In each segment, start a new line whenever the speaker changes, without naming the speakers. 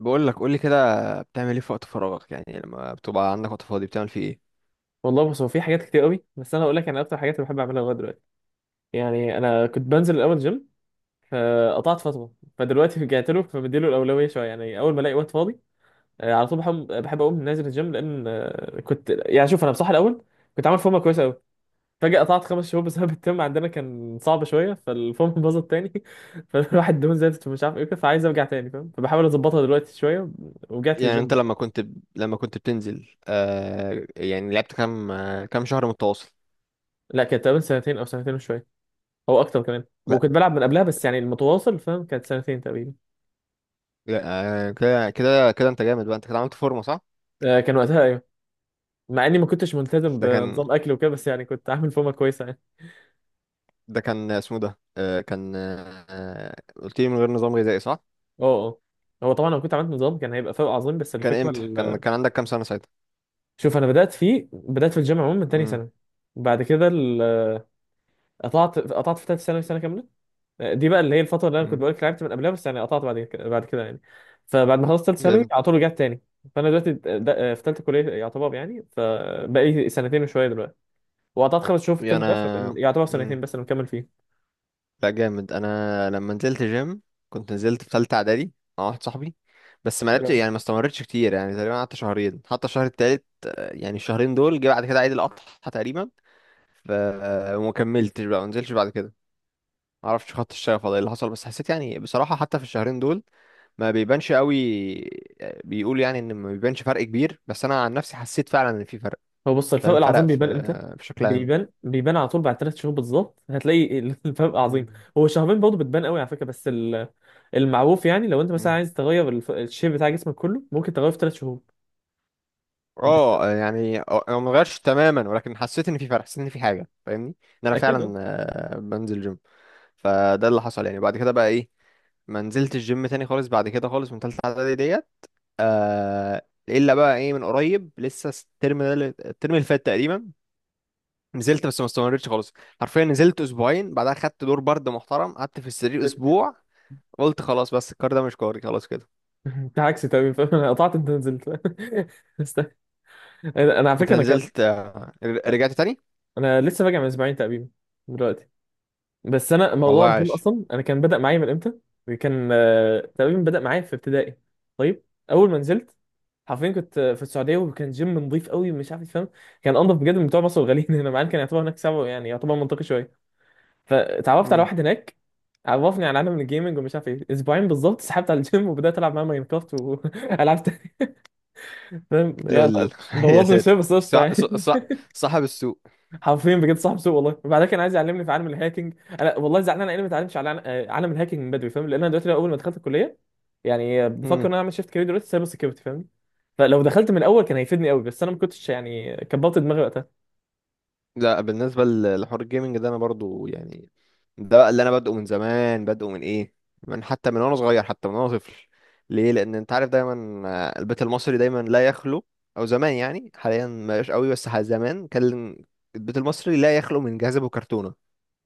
بقول لك قول لي كده. بتعمل ايه في وقت فراغك؟ يعني لما بتبقى عندك وقت فاضي بتعمل فيه
والله، بص. هو في حاجات كتير قوي، بس انا اقول لك، انا اكتر حاجات اللي بحب اعملها لغايه دلوقتي، يعني انا كنت بنزل الاول جيم. فقطعت فتره، فدلوقتي رجعت له، فبديله الاولويه شويه، يعني اول ما الاقي وقت فاضي. على طول بحب اقوم نازل الجيم، لان كنت، يعني شوف، انا بصراحه الاول كنت عامل فورمه كويسه قوي. فجاه قطعت 5 شهور بسبب الترم. عندنا كان صعب شويه، فالفورمه باظت تاني فالواحد دهون زادت، ومش عارف ايه كده، فعايز ارجع تاني فاهم، فبحاول اظبطها دلوقتي شويه ورجعت
ايه؟ يعني
للجيم
انت
بقى.
لما كنت بتنزل يعني لعبت كام كام شهر متواصل؟
لا، كانت تقريبا سنتين او سنتين وشويه. هو اكتر كمان.
لا
وكنت بلعب من قبلها، بس يعني المتواصل فاهم كانت سنتين تقريبا.
لا. آه كده انت جامد بقى. انت كده عملت فورمه، صح؟
آه، كان وقتها ايوه. مع اني ما كنتش ملتزم
ده كان
بنظام اكل وكده، بس يعني كنت عامل فورمه كويسه يعني.
ده كان اسمه ده آه كان آه آه، قلت لي من غير نظام غذائي، صح؟
اه، اه. هو طبعا لو كنت عملت نظام كان هيبقى فرق عظيم، بس
كان
الفكره
امتى كان كان عندك كام سنه ساعتها؟
شوف، انا بدات في الجيم عموما من تاني
امم.
سنه. بعد كده قطعت في ثالث ثانوي سنه كامله. دي بقى اللي هي الفتره اللي انا كنت
امم.
بقول لك لعبت من قبلها، بس يعني قطعت بعد كده يعني. فبعد ما خلصت ثالث ثانوي
جامد.
على طول رجعت تاني. فانا دلوقتي في ثالثه كليه يعتبر يعني، فبقى لي سنتين وشويه دلوقتي. وقطعت 5 شهور في
يعني
الترم ده
انا
يعتبر
امم.
سنتين، بس انا مكمل فيه.
لا جامد. انا لما نزلت جيم كنت نزلت في ثالثه اعدادي مع واحد صاحبي، بس ما
حلو
لعبتش
أوي.
يعني ما استمرتش كتير، يعني تقريبا قعدت شهرين حتى الشهر التالت، يعني الشهرين دول جه بعد كده عيد الاضحى تقريبا. ف آه، وما كملتش بقى، ما نزلتش بعد كده. ما اعرفش خط الشغف ولا ايه اللي حصل، بس حسيت يعني بصراحه حتى في الشهرين دول ما بيبانش قوي. بيقول يعني ان ما بيبانش فرق كبير، بس انا عن نفسي حسيت فعلا ان في فرق.
هو بص، الفرق
فاهم؟ فرق
العظيم
في
بيبان امتى؟
بشكل عام.
بيبان على طول بعد 3 شهور بالظبط. هتلاقي الفرق عظيم. هو شهرين برضه بتبان قوي على فكره، بس المعروف يعني، لو انت مثلا
مم.
عايز تغير الشيب بتاع جسمك كله، ممكن تغيره في 3 شهور. بس
اه يعني انا ما غيرش تماما ولكن حسيت ان في فرق، حسيت ان في حاجه فاهمني ان انا
اكيد، اه.
فعلا بنزل جيم. فده اللي حصل يعني. بعد كده بقى ايه، ما نزلت الجيم تاني خالص بعد كده خالص من تالتة اعدادي ديت. آه الا بقى ايه، من قريب لسه الترم ده الترم اللي فات تقريبا، نزلت بس ما استمرتش خالص. حرفيا نزلت اسبوعين بعدها خدت دور برد محترم قعدت في السرير اسبوع. قلت خلاص، بس الكار ده مش كاري خلاص كده.
انت عكسي تمام فاهم؟ انا قطعت، انت نزلت. است- انا على
انت
فكره انا كده.
نزلت رجعت تاني.
انا لسه راجع من اسبوعين تقريبا دلوقتي. بس انا
والله
موضوع الجيم
عاش.
اصلا، انا كان بدأ معايا من امتى. كان تقريبا بدأ معايا في ابتدائي. طيب، اول ما نزلت حرفيا كنت في السعوديه، وكان جيم نظيف قوي مش عارف فاهم. كان انضف بجد من بتوع مصر الغاليين هنا، مع إن كان يعتبر هناك سبعه يعني، يعتبر منطقي شويه. فتعرفت على واحد هناك، عرفني على عالم الجيمنج ومش عارف ايه. اسبوعين بالظبط سحبت على الجيم، وبدات العب معاه ماينكرافت والعب تاني فاهم يعني.
لول يا
بوظني شويه
ساتر،
بس قشطه
صح صح
يعني.
صح. صاحب السوق.
حرفيا بجد صاحب سوء والله. وبعدها كان عايز يعلمني في عالم الهاكينج. انا والله زعلان، انا ليه ما اتعلمتش على عالم الهاكينج من بدري فاهم. لان انا دلوقتي اول ما دخلت الكليه، يعني بفكر
امم.
ان انا اعمل شيفت كارير دلوقتي سايبر سكيورتي فاهم. فلو دخلت من الاول كان هيفيدني قوي، بس انا ما كنتش يعني، كبرت دماغي وقتها.
لا بالنسبه لحوار الجيمنج ده انا برضو يعني، ده بقى اللي انا بادئه من زمان، بادئه من ايه، من حتى من وانا صغير، حتى من وانا طفل. ليه؟ لان انت عارف دايما البيت المصري دايما لا يخلو، او زمان يعني، حاليا ما بقاش قوي بس زمان كان البيت المصري لا يخلو من جهاز ابو كرتونه.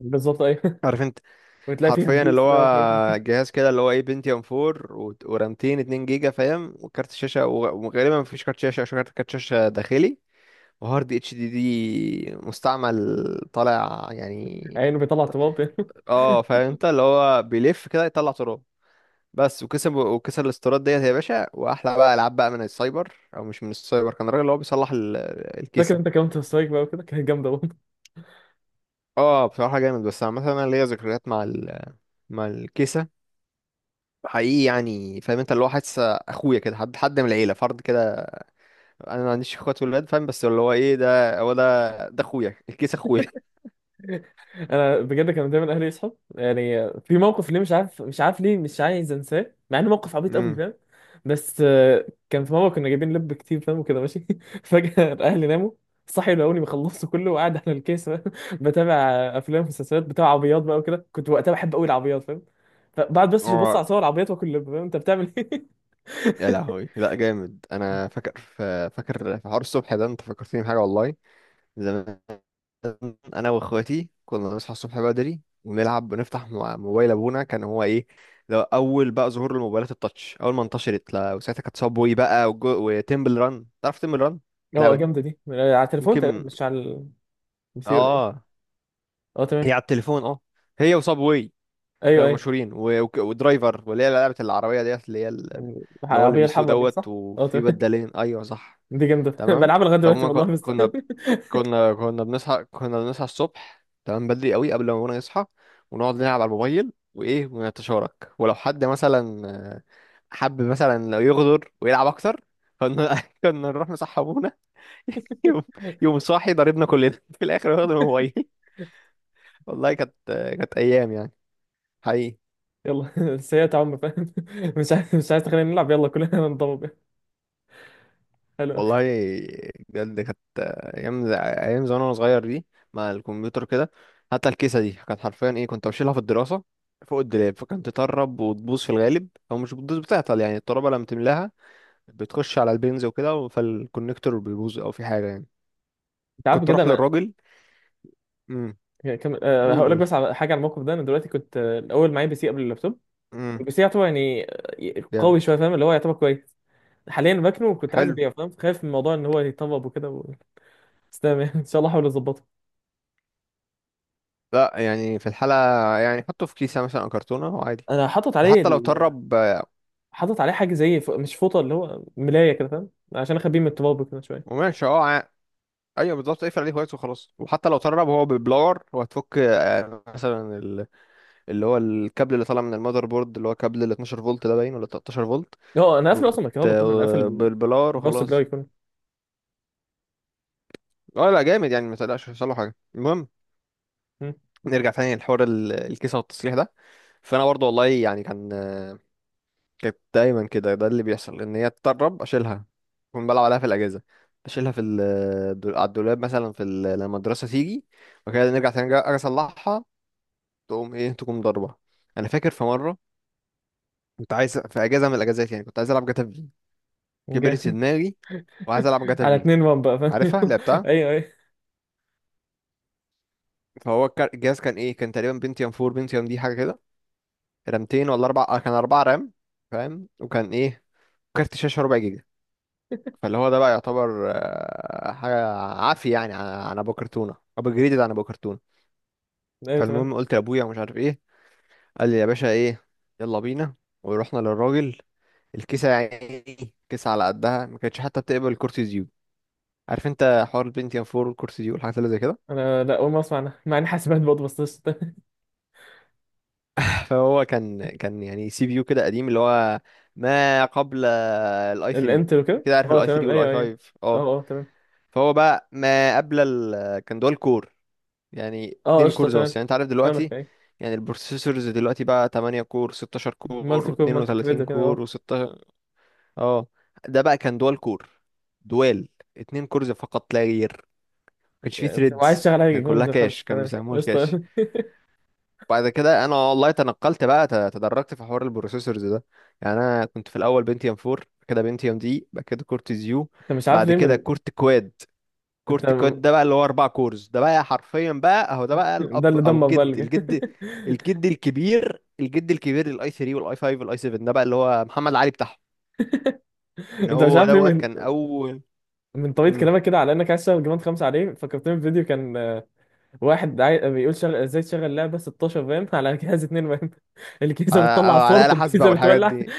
بالظبط، ايوه.
عارف؟
وتلاقي فيها
حرفيا اللي
بيس بقى وحاجات
هو
دي.
جهاز كده اللي هو ايه، بنتيوم 4 ورامتين 2 جيجا فاهم، وكارت شاشه وغالبا مفيش كارت شاشه عشان كارت شاشه داخلي، وهارد اتش دي دي مستعمل طالع يعني.
عينه بيطلع تراب
اه فاهم، انت اللي هو بيلف كده يطلع تراب. بس وكسب وكسر الاستيراد ديت يا باشا، واحلى بقى العاب بقى من السايبر او مش من السايبر، كان الراجل اللي هو بيصلح
فاكر
الكيسه.
انت كمان سترايك بقى وكده، كانت جامده.
اه بصراحه جامد. بس عامه انا ليا ذكريات مع مع الكيسه حقيقي. يعني فاهم، انت اللي هو حاسس اخويا كده، حد من العيله، فرد كده. انا ما عنديش اخوات ولاد فاهم، بس اللي هو ايه، ده هو ده اخويا، الكيس اخويا.
انا بجد كانوا دايما اهلي يصحوا يعني. في موقف ليه، مش عارف ليه مش عايز انساه، مع انه موقف عبيط قوي
امم.
فاهم. بس كان في مره كنا جايبين لب كتير فاهم وكده ماشي. فجاه اهلي ناموا. صحي لقوني بخلصه كله وقاعد على الكيس فاهم؟ بتابع افلام ومسلسلات بتاع عربيات بقى وكده. كنت وقتها بحب قوي العربيات فاهم. فبعد بس ببص
اه
على صور العربيات واكل لب، فاهم انت بتعمل ايه.
يا لهوي لا جامد. انا فاكر في حوار الصبح ده، انت فكرتني بحاجه والله، زمان انا واخواتي كنا نصحى الصبح بدري ونلعب ونفتح موبايل ابونا. كان هو ايه، ده اول بقى ظهور الموبايلات التاتش اول ما انتشرت. لا وساعتها كانت صابوي بقى وتمبل ران. تعرف تمبل ران،
اه،
اللعبه دي؟
جامده دي. على التليفون تقريبا،
يمكن.
مش على البي سي ولا ايه.
اه،
اه تمام،
هي على التليفون اه، هي وصابواي
ايوه
كانوا
ايوه.
مشهورين ودرايفر، واللي هي لعبة العربية ديت اللي هي اللي هو اللي
العربيه
بيسوق
الحمراء دي
دوت
صح. اه
وفي
تمام.
بدالين. ايوه صح.
دي جامدة
تمام.
بلعبها لغاية دلوقتي
فهم
والله، بس
كنا بنصحى، كنا بنصحى الصبح تمام بدري قوي قبل ما ابونا يصحى، ونقعد نلعب على الموبايل وايه، ونتشارك. ولو حد مثلا حب مثلا لو يغدر ويلعب اكتر، كنا كنا نروح نصحى ابونا. يوم يوم صاحي ضربنا كلنا في الاخر واخد الموبايل. والله كانت، كانت ايام يعني، حقيقي.
يلا سيئة عم فاهم. مش عايز تخلينا نلعب، يلا كلنا ننضرب. حلو.
والله بجد كانت ايام زمان وانا صغير دي، مع الكمبيوتر كده. حتى الكيسه دي كانت حرفيا ايه، كنت بشيلها في الدراسه فوق الدولاب، فكانت تطرب وتبوظ، في الغالب او مش بتبوظ بتعطل يعني، الترابه لما تملاها بتخش على البنز وكده، فالكونكتور بيبوظ او في حاجه يعني.
انت عارف
كنت
كده،
اروح
انا
للراجل. امم.
كم... أه
قول
هقول لك
قول.
بس على حاجة، على الموقف ده. انا دلوقتي كنت الاول معايا بي سي قبل اللابتوب.
امم.
البي سي يعتبر يعني قوي
جامد.
شوية فاهم، اللي هو يعتبر كويس. حاليا باكنه وكنت عايز
حلو.
ابيعه فاهم، خايف من الموضوع ان هو يطبب وكده بس تمام يعني. ان شاء الله احاول اظبطه.
لا يعني في الحاله يعني حطه في كيسه مثلا او كرتونه وعادي،
انا حاطط عليه
وحتى لو طرب،
حاطط عليه حاجة زي مش فوطة، اللي هو ملاية كده فاهم، عشان اخبيه من التراب كده شوية.
وماشي اه. ايوه بالظبط، اقفل عليه كويس وخلاص. وحتى لو ترب هو بالبلاور، هو هتفك مثلا اللي هو الكابل اللي طالع من المذر بورد، اللي هو كابل ال 12 فولت ده باين، ولا 13 فولت.
هو انا قافل
وت...
اصلا الكهرباء كله، انا قافل
بالبلاور
الباور سبلاي
وخلاص.
كله.
اه لا جامد يعني، ما تقلقش مش هيحصل له حاجه. المهم،
مم.
نرجع تاني لحوار الكيسه والتصليح ده. فانا برضو والله يعني كان كانت دايما كده، ده اللي بيحصل ان هي تتطرب اشيلها. كنت بلعب عليها في الاجازه، اشيلها على الدولاب مثلا في لما الدراسه تيجي وكده، نرجع تاني أجي اصلحها، تقوم ايه تقوم ضربة. انا فاكر في مرة كنت عايز، في اجازة من الاجازات يعني، كنت عايز العب جاتا في، كبرت في
جاي.
دماغي وعايز العب جاتا
على
في.
اتنين وان بقى فاهم.
عارفها؟ لعبتها.
ايوه ايوه
الجهاز كان ايه، كان تقريبا بنتيوم 4، بنتيوم دي حاجة كده، رامتين ولا اربعة، كان اربعة رام فاهم. وكان ايه، كارت شاشة ربع جيجا. فاللي هو ده بقى يعتبر حاجة عافية يعني، عن ابو كرتونة ابو جريدد عن ابو كرتونة.
ايوه تمام.
فالمهم قلت لابويا ومش عارف ايه، قال لي يا باشا ايه، يلا بينا. ورحنا للراجل. الكيسة يا عيني، كيسة على قدها، ما كانتش حتى بتقبل كرسي زيوت. عارف انت حوار البنتيوم 4 والكرسي زيوت والحاجات اللي زي كده.
انا لا، اول ما اسمع عنها مع ان حاسبات برضه، بس قشطة.
فهو كان، كان يعني سي بي يو كده قديم، اللي هو ما قبل الاي 3.
الانتل وكده،
كده عارف
اه
الاي 3
تمام
والاي
ايوه ايوه.
5، اه.
اه اه تمام.
فهو بقى ما قبل كان دول كور، يعني
اه
اتنين
قشطه
كورز
تمام،
بس، يعني انت عارف
فاهمك
دلوقتي،
ايوه.
يعني البروسيسورز دلوقتي بقى 8 كور، 16
مالتي
كور،
كور مالتي
و32
كريد كده، اه.
كور، و16. اه. ده بقى كان دول كور، دوال، اتنين كورز فقط لا غير. كانش فيه
يعني وعايز
ثريدز،
شغال حاجه
كان كلها
جوند
كاش،
خمسه
كان
تمام
بيسموه الكاش.
قشطه.
بعد كده انا والله تنقلت بقى، تدرجت في حوار البروسيسورز ده، يعني انا كنت في الاول بنتيوم 4، بعد كده بنتيوم دي، بعد كده كورت زيو،
انت مش عارف
بعد
ليه
كده
من،
كورت كواد.
انت
كورت كواد ده بقى اللي هو اربع كورز، ده بقى حرفيا بقى اهو، ده بقى
ده
الاب،
اللي
او
دمر بقى اللي
الجد
جاي.
الجد الجد الكبير، الجد الكبير للاي 3 والاي 5 والاي 7، ده بقى اللي هو محمد علي بتاعهم، ان
انت مش
هو
عارف ليه،
دوت
من
كان اول.
من طريقه
امم.
كلامك كده، على انك عايز تشتغل جراند 5 عليه، فكرتني بفيديو كان، واحد بيقول ازاي تشغل لعبه 16 فاهم، على جهاز 2 فاهم. الكيسه
على
بتطلع
على
صوت،
آلة حاسبة
الكيسه
والحاجات
بتولع.
دي.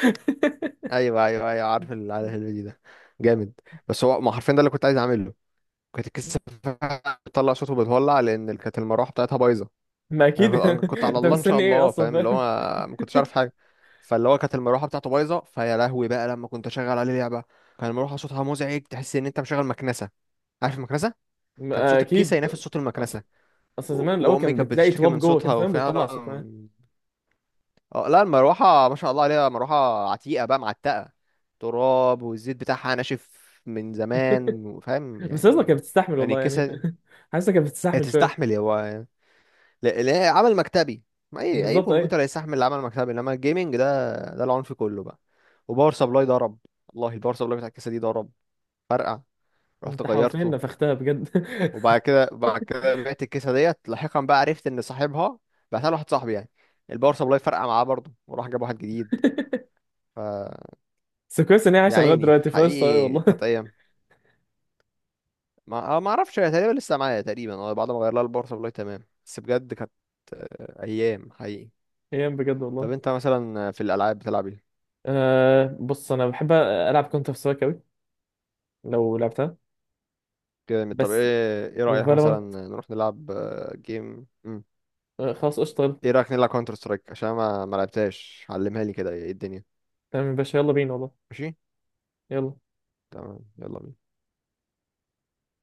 ايوه ايوه ايوه، عارف عارف الفيديو ده، جامد. بس هو ما حرفيا ده اللي كنت عايز اعمله. كانت الكيسه بتطلع صوته بتولع، لان كانت المروحه بتاعتها بايظه.
ما
انا
اكيد.
كنت أنا كنت على
انت
الله ان شاء
مستني ايه
الله
اصلا
فاهم، اللي هو
فاهم.
ما كنتش عارف حاجه. فاللي هو كانت المروحه بتاعته بايظه، فيا لهوي بقى لما كنت اشغل عليه لعبه، كان المروحه صوتها مزعج، تحس ان انت مشغل مكنسه. عارف المكنسه؟ كان
ما
صوت الكيسه
اكيد.
ينافس صوت
اصل
المكنسه.
اصل زمان الاول
وامي
كان
كانت
بتلاقي
بتشتكي
تواب
من
جوه كده
صوتها،
فاهم، بتطلع صوت
وفعلا.
معاه.
اه لا المروحة ما شاء الله عليها، مروحة عتيقة بقى معتقة، تراب والزيت بتاعها ناشف من زمان، وفاهم
بس اصلا
يعني.
كانت بتستحمل
يعني
والله يعني.
الكيسة
حاسه كانت
هي
بتستحمل شويه.
تستحمل. هو لا لا، عمل مكتبي، ما اي اي
بالظبط، ايه.
كمبيوتر هيستحمل العمل المكتبي، انما الجيمنج ده ده العنف كله بقى. وباور سبلاي ضرب، والله الباور سبلاي بتاع الكيسة دي ضرب، فرقع، رحت
انت حرفيا
غيرته.
نفختها بجد.
وبعد كده بعد كده بعت الكيسة ديت، لاحقا بقى عرفت ان صاحبها، بعتها لواحد صاحبي يعني، الباور سبلاي فرقع معاه برضه وراح جاب واحد جديد.
بس كويس ان هي
يا
عايشه لغايه
عيني
دلوقتي فاش، طيب
حقيقي
والله.
كانت ايام. ما ما اعرفش، هي تقريبا لسه معايا تقريبا، اه، بعد ما غير لها البورصه والله تمام، بس بجد كانت ايام حقيقي.
ايام بجد
طب
والله.
انت مثلا في الالعاب بتلعب ايه؟
أه بص، انا بحب العب كونتر سترايك قوي لو لعبتها،
كده طب
بس
ايه، ايه رايك مثلا
وفالورانت.
نروح نلعب جيم. مم.
خلاص قشطة، يلا.
ايه رايك نلعب كونتر سترايك عشان ما ما لعبتهاش، علمها لي كده، ايه الدنيا.
تمام يا باشا، يلا بينا والله.
ماشي.
يلا.
تمام يلا بينا.